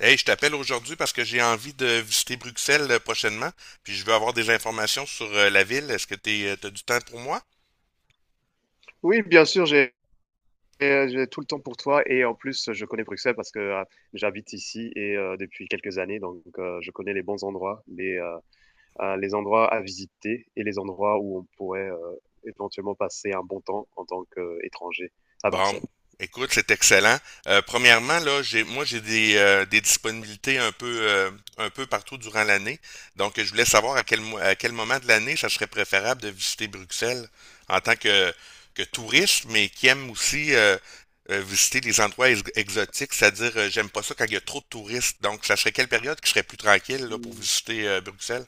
Hey, je t'appelle aujourd'hui parce que j'ai envie de visiter Bruxelles prochainement, puis je veux avoir des informations sur la ville. Est-ce que tu as du temps pour moi? Oui, bien sûr, j'ai tout le temps pour toi et en plus, je connais Bruxelles parce que j'habite ici et depuis quelques années donc je connais les bons endroits, les endroits à visiter et les endroits où on pourrait éventuellement passer un bon temps en tant qu'étranger à Bon, Bruxelles. écoute, c'est excellent. Premièrement, là, moi, j'ai des disponibilités un peu partout durant l'année. Donc, je voulais savoir à à quel moment de l'année ça serait préférable de visiter Bruxelles en tant que touriste, mais qui aime aussi visiter des endroits exotiques, c'est-à-dire, j'aime pas ça quand il y a trop de touristes. Donc, ça serait quelle période qui serait plus tranquille là, pour visiter Bruxelles?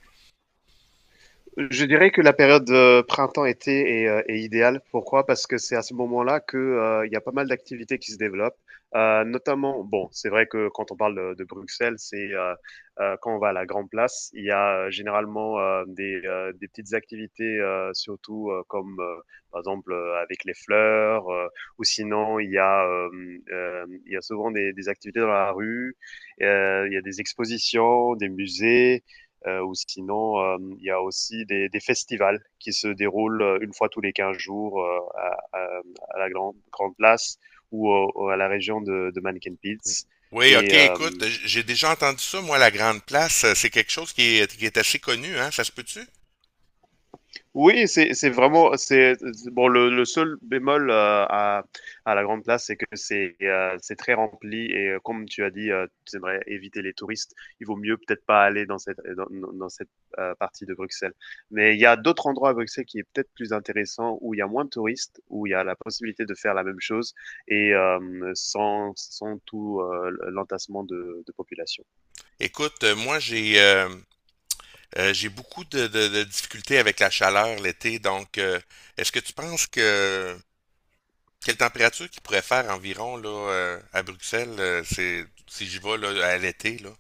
Je dirais que la période printemps-été est idéale. Pourquoi? Parce que c'est à ce moment-là que il y a pas mal d'activités qui se développent, notamment bon, c'est vrai que quand on parle de Bruxelles, quand on va à la Grand Place, il y a généralement, des petites activités, surtout, comme, par exemple, avec les fleurs, ou sinon il y a, il y a souvent des activités dans la rue, il y a des expositions, des musées. Ou sinon, il y a aussi des festivals qui se déroulent une fois tous les 15 jours à la grande place ou à la région de Mannequin Pits. Oui, ok, Et euh, écoute, j'ai déjà entendu ça, moi, la Grande Place, c'est quelque chose qui est assez connu, hein, ça se peut-tu? Oui, c'est vraiment, c'est bon, le seul bémol, à la grande place, c'est que c'est très rempli et comme tu as dit, tu aimerais éviter les touristes. Il vaut mieux peut-être pas aller dans cette dans dans dans cette, partie de Bruxelles. Mais il y a d'autres endroits à Bruxelles qui est peut-être plus intéressant, où il y a moins de touristes, où il y a la possibilité de faire la même chose et sans tout, l'entassement de population. Écoute, moi j'ai beaucoup de difficultés avec la chaleur l'été, donc est-ce que tu penses que quelle température qu'il pourrait faire environ là à Bruxelles, c'est si j'y vais là, à l'été là?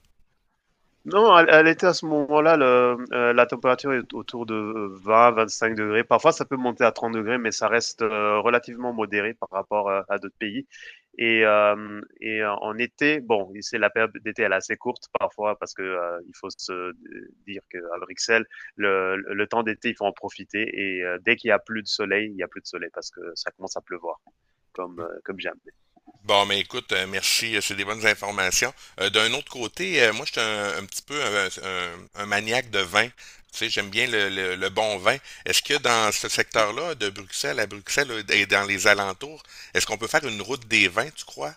Non, elle, elle était à ce moment-là, la température est autour de 20-25 degrés. Parfois, ça peut monter à 30 degrés, mais ça reste relativement modéré par rapport à d'autres pays. Et en été, bon, c'est la période d'été, elle est assez courte parfois parce que il faut se dire qu'à Bruxelles, le temps d'été, il faut en profiter. Et dès qu'il y a plus de soleil, il y a plus de soleil parce que ça commence à pleuvoir, comme, comme jamais. Bon, mais écoute, merci, c'est des bonnes informations. D'un autre côté, moi, je suis un petit peu un maniaque de vin. Tu sais, j'aime bien le bon vin. Est-ce que dans ce secteur-là, de Bruxelles à Bruxelles et dans les alentours, est-ce qu'on peut faire une route des vins, tu crois?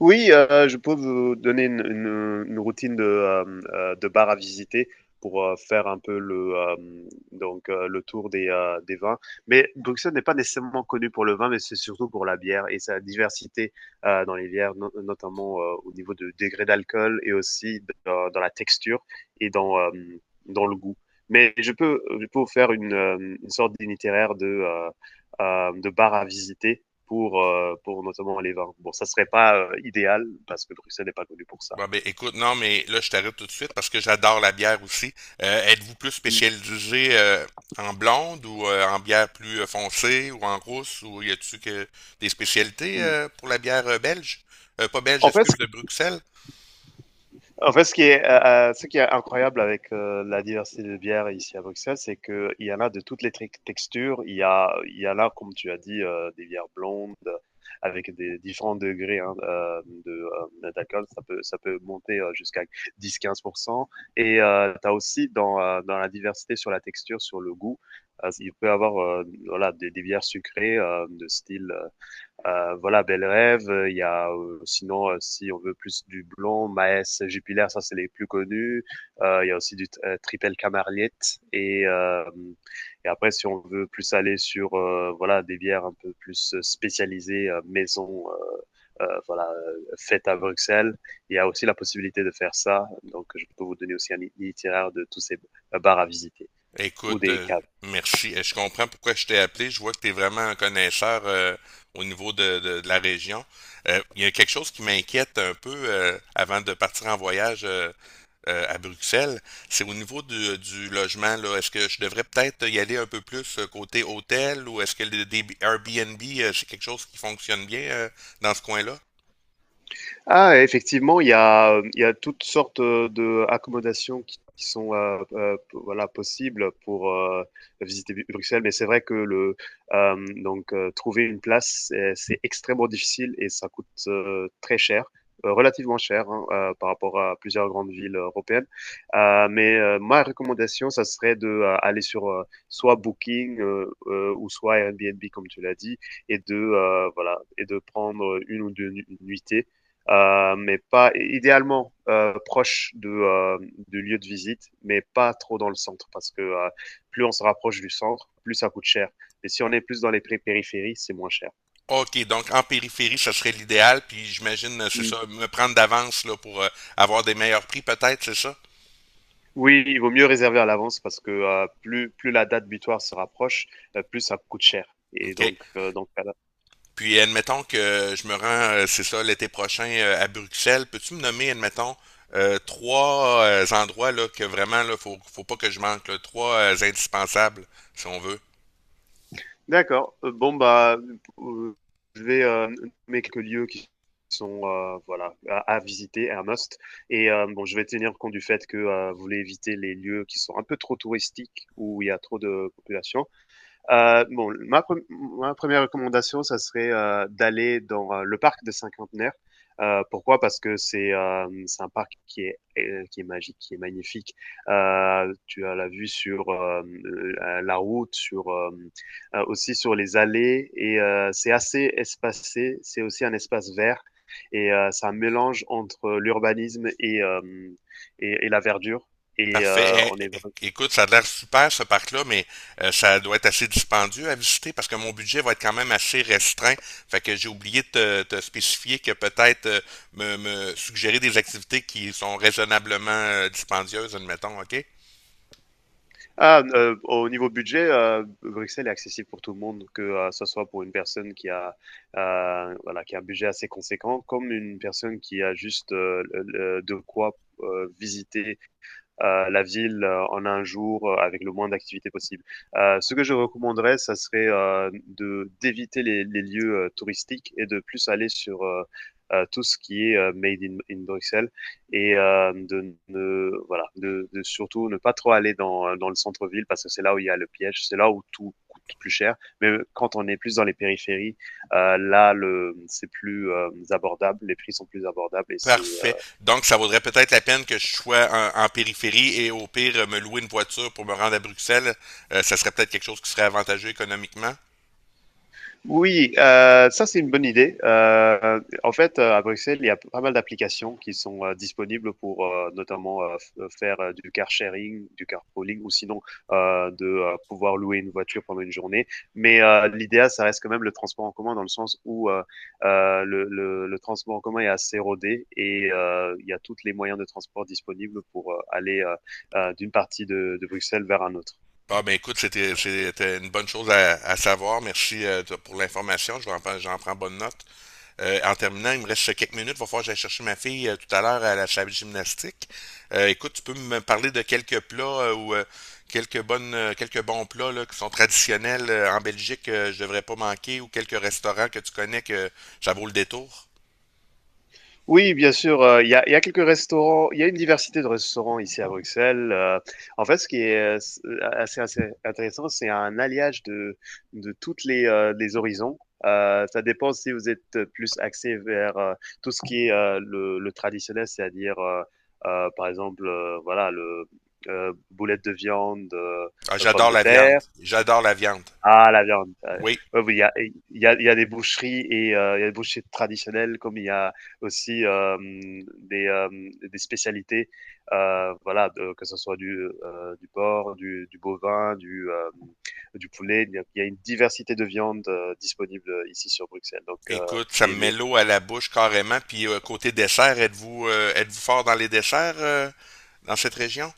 Oui, je peux vous donner une routine de de bar à visiter pour, faire un peu donc le tour des vins. Mais Bruxelles n'est pas nécessairement connu pour le vin, mais c'est surtout pour la bière et sa diversité, dans les bières, no notamment, au niveau de degré d'alcool et aussi d dans dans la texture et dans, dans le goût. Mais je peux vous faire une, une sorte d'itinéraire de de bar à visiter pour notamment les vins. Bon, ça serait pas idéal parce que Bruxelles n'est pas connu pour ça. Bon, ben, écoute, non, mais là, je t'arrête tout de suite parce que j'adore la bière aussi. Êtes-vous plus Mm, spécialisé en blonde ou en bière plus foncée ou en rousse ou y a-t-il que des spécialités mm. Pour la bière belge? Pas belge, En fait, excuse, de Bruxelles? En fait, ce qui est incroyable avec la diversité de bières ici à Bruxelles, c'est qu'il y en a de toutes les textures. Il y a, il y en a, comme tu as dit, des bières blondes avec des différents degrés hein, d'alcool. Ça peut monter jusqu'à 10-15%. Et tu as aussi dans, dans la diversité sur la texture, sur le goût, il peut y avoir voilà, des bières sucrées de style voilà, Bel Rêve. Il y a sinon, si on veut plus du blond, Maes, Jupiler, ça c'est les plus connus. Il y a aussi du Triple Camarliette. Et après, si on veut plus aller sur voilà des bières un peu plus spécialisées, maison, voilà, fête à Bruxelles, il y a aussi la possibilité de faire ça. Donc, je peux vous donner aussi un itinéraire de tous ces bars à visiter ou Écoute, des caves. merci. Je comprends pourquoi je t'ai appelé. Je vois que tu es vraiment un connaisseur au niveau de la région. Il y a quelque chose qui m'inquiète un peu avant de partir en voyage à Bruxelles. C'est au niveau du logement, là. Est-ce que je devrais peut-être y aller un peu plus côté hôtel ou est-ce que le des Airbnb, c'est quelque chose qui fonctionne bien dans ce coin-là? Ah, effectivement, il y a toutes sortes de accommodations qui sont voilà possibles pour visiter Bruxelles, mais c'est vrai que le trouver une place c'est extrêmement difficile et ça coûte très cher, relativement cher hein, par rapport à plusieurs grandes villes européennes. Mais ma recommandation, ça serait de aller sur soit Booking ou soit Airbnb comme tu l'as dit et de voilà et de prendre une ou deux nuitées mais pas idéalement proche de, du lieu de visite, mais pas trop dans le centre, parce que plus on se rapproche du centre, plus ça coûte cher. Et si on est plus dans les périphéries, c'est moins cher. OK, donc en périphérie, ça serait l'idéal, puis j'imagine, c'est Mm. ça, me prendre d'avance là pour avoir des meilleurs prix peut-être, c'est ça? Oui, il vaut mieux réserver à l'avance parce que plus la date butoir se rapproche, plus ça coûte cher. Et OK. donc, Puis admettons que je me rends, c'est ça, l'été prochain à Bruxelles. Peux-tu me nommer, admettons, trois endroits là, que vraiment là, faut pas que je manque, là, trois indispensables, si on veut. D'accord. Bon, bah, heu, je vais, nommer quelques lieux qui sont, voilà, à visiter, un must et bon, je vais tenir compte du fait que, vous voulez éviter les lieux qui sont un peu trop touristiques, où il y a trop de population. Bon, ma première recommandation, ça serait d'aller dans le parc des Cinquantenaires. Pourquoi? Parce que c'est un parc qui est qui est magique, qui est magnifique. Tu as la vue sur la route, sur aussi sur les allées et c'est assez espacé. C'est aussi un espace vert et c'est un mélange entre l'urbanisme et la verdure. Et Parfait. on Eh, est eh, eh, écoute, ça a l'air super ce parc-là, mais ça doit être assez dispendieux à visiter parce que mon budget va être quand même assez restreint. Fait que j'ai oublié de te spécifier que peut-être me suggérer des activités qui sont raisonnablement dispendieuses, admettons, OK? ah, au niveau budget, Bruxelles est accessible pour tout le monde, que, ce soit pour une personne qui a, voilà, qui a un budget assez conséquent, comme une personne qui a juste, le de quoi, visiter la ville en un jour avec le moins d'activité possible. Ce que je recommanderais, ça serait de d'éviter lieux touristiques et de plus aller sur tout ce qui est made in Bruxelles et de ne voilà de, surtout ne pas trop aller dans, dans le centre-ville parce que c'est là où il y a le piège, c'est là où tout coûte plus cher. Mais quand on est plus dans les périphéries, là le c'est plus abordable, les prix sont plus abordables et c'est Parfait. Donc, ça vaudrait peut-être la peine que je sois en périphérie et au pire me louer une voiture pour me rendre à Bruxelles. Ça serait peut-être quelque chose qui serait avantageux économiquement. oui, ça c'est une bonne idée. En fait, à Bruxelles, il y a pas mal d'applications qui sont, disponibles pour, notamment, f faire, du car sharing, du carpooling ou sinon, de, pouvoir louer une voiture pendant une journée. Mais, l'idéal, ça reste quand même le transport en commun dans le sens où, le transport en commun est assez rodé et il y a tous les moyens de transport disponibles pour, aller, d'une partie de Bruxelles vers un autre. Ah ben écoute, c'était une bonne chose à savoir. Merci pour l'information. Je vais en prendre. J'en prends bonne note. En terminant, il me reste quelques minutes. Il va falloir que j'aille chercher ma fille tout à l'heure à la salle de gymnastique. Écoute, tu peux me parler de quelques plats ou quelques quelques bons plats là, qui sont traditionnels en Belgique, que je devrais pas manquer, ou quelques restaurants que tu connais que ça vaut le détour. Oui, bien sûr, il y a quelques restaurants. Il y a une diversité de restaurants ici à Bruxelles, en fait, ce qui est, c assez intéressant, c'est un alliage de toutes les horizons, ça dépend si vous êtes plus axé vers, tout ce qui est, le traditionnel, c'est-à-dire par exemple, voilà, le, boulettes de viande, Ah, pommes j'adore de la viande. terre J'adore la viande. ah la viande, Oui. oui, oui, il y a il y a il y a des boucheries et il y a des boucheries traditionnelles comme il y a aussi, des, des spécialités, voilà, de que ce soit du porc, du bovin, du, du poulet. Il y a une diversité de viandes, disponibles, ici sur Bruxelles donc Écoute, ça et me met l'eau à la bouche carrément. Puis côté dessert, êtes-vous fort dans les desserts dans cette région?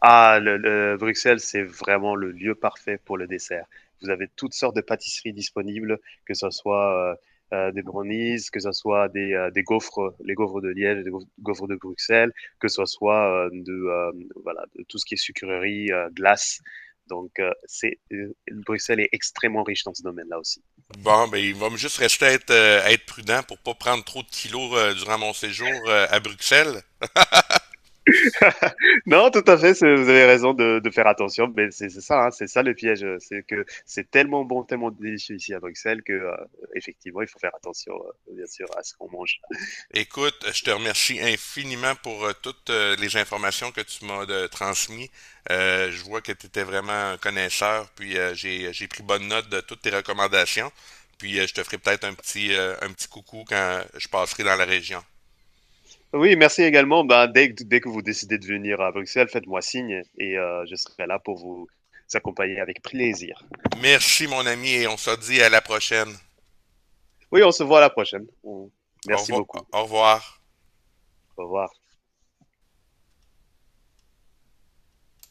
ah, le, Bruxelles, c'est vraiment le lieu parfait pour le dessert. Vous avez toutes sortes de pâtisseries disponibles, que ce soit des brownies, que ce soit des gaufres, les gaufres de Liège, les gaufres de Bruxelles, que ce soit de, voilà, de tout ce qui est sucrerie, glace. Donc, c'est, Bruxelles est extrêmement riche dans ce domaine-là aussi. Bon, ben il va me juste rester à à être prudent pour pas prendre trop de kilos durant mon séjour à Bruxelles. Non, tout à fait, c'est- vous avez raison de faire attention, mais c'est ça, hein, c'est ça le piège, c'est que c'est tellement bon, tellement délicieux ici à Bruxelles que effectivement, il faut faire attention, bien sûr, à ce qu'on mange. Écoute, je te remercie infiniment pour toutes les informations que tu m'as transmises. Je vois que tu étais vraiment un connaisseur, puis j'ai pris bonne note de toutes tes recommandations. Puis je te ferai peut-être un petit coucou quand je passerai dans la région. Oui, merci également. Ben, dès que vous décidez de venir à Bruxelles, faites-moi signe et je serai là pour vous accompagner avec plaisir. Merci, mon ami, et on se dit à la prochaine. Oui, on se voit à la prochaine. On- Au merci revoir. beaucoup. Au revoir. Au revoir.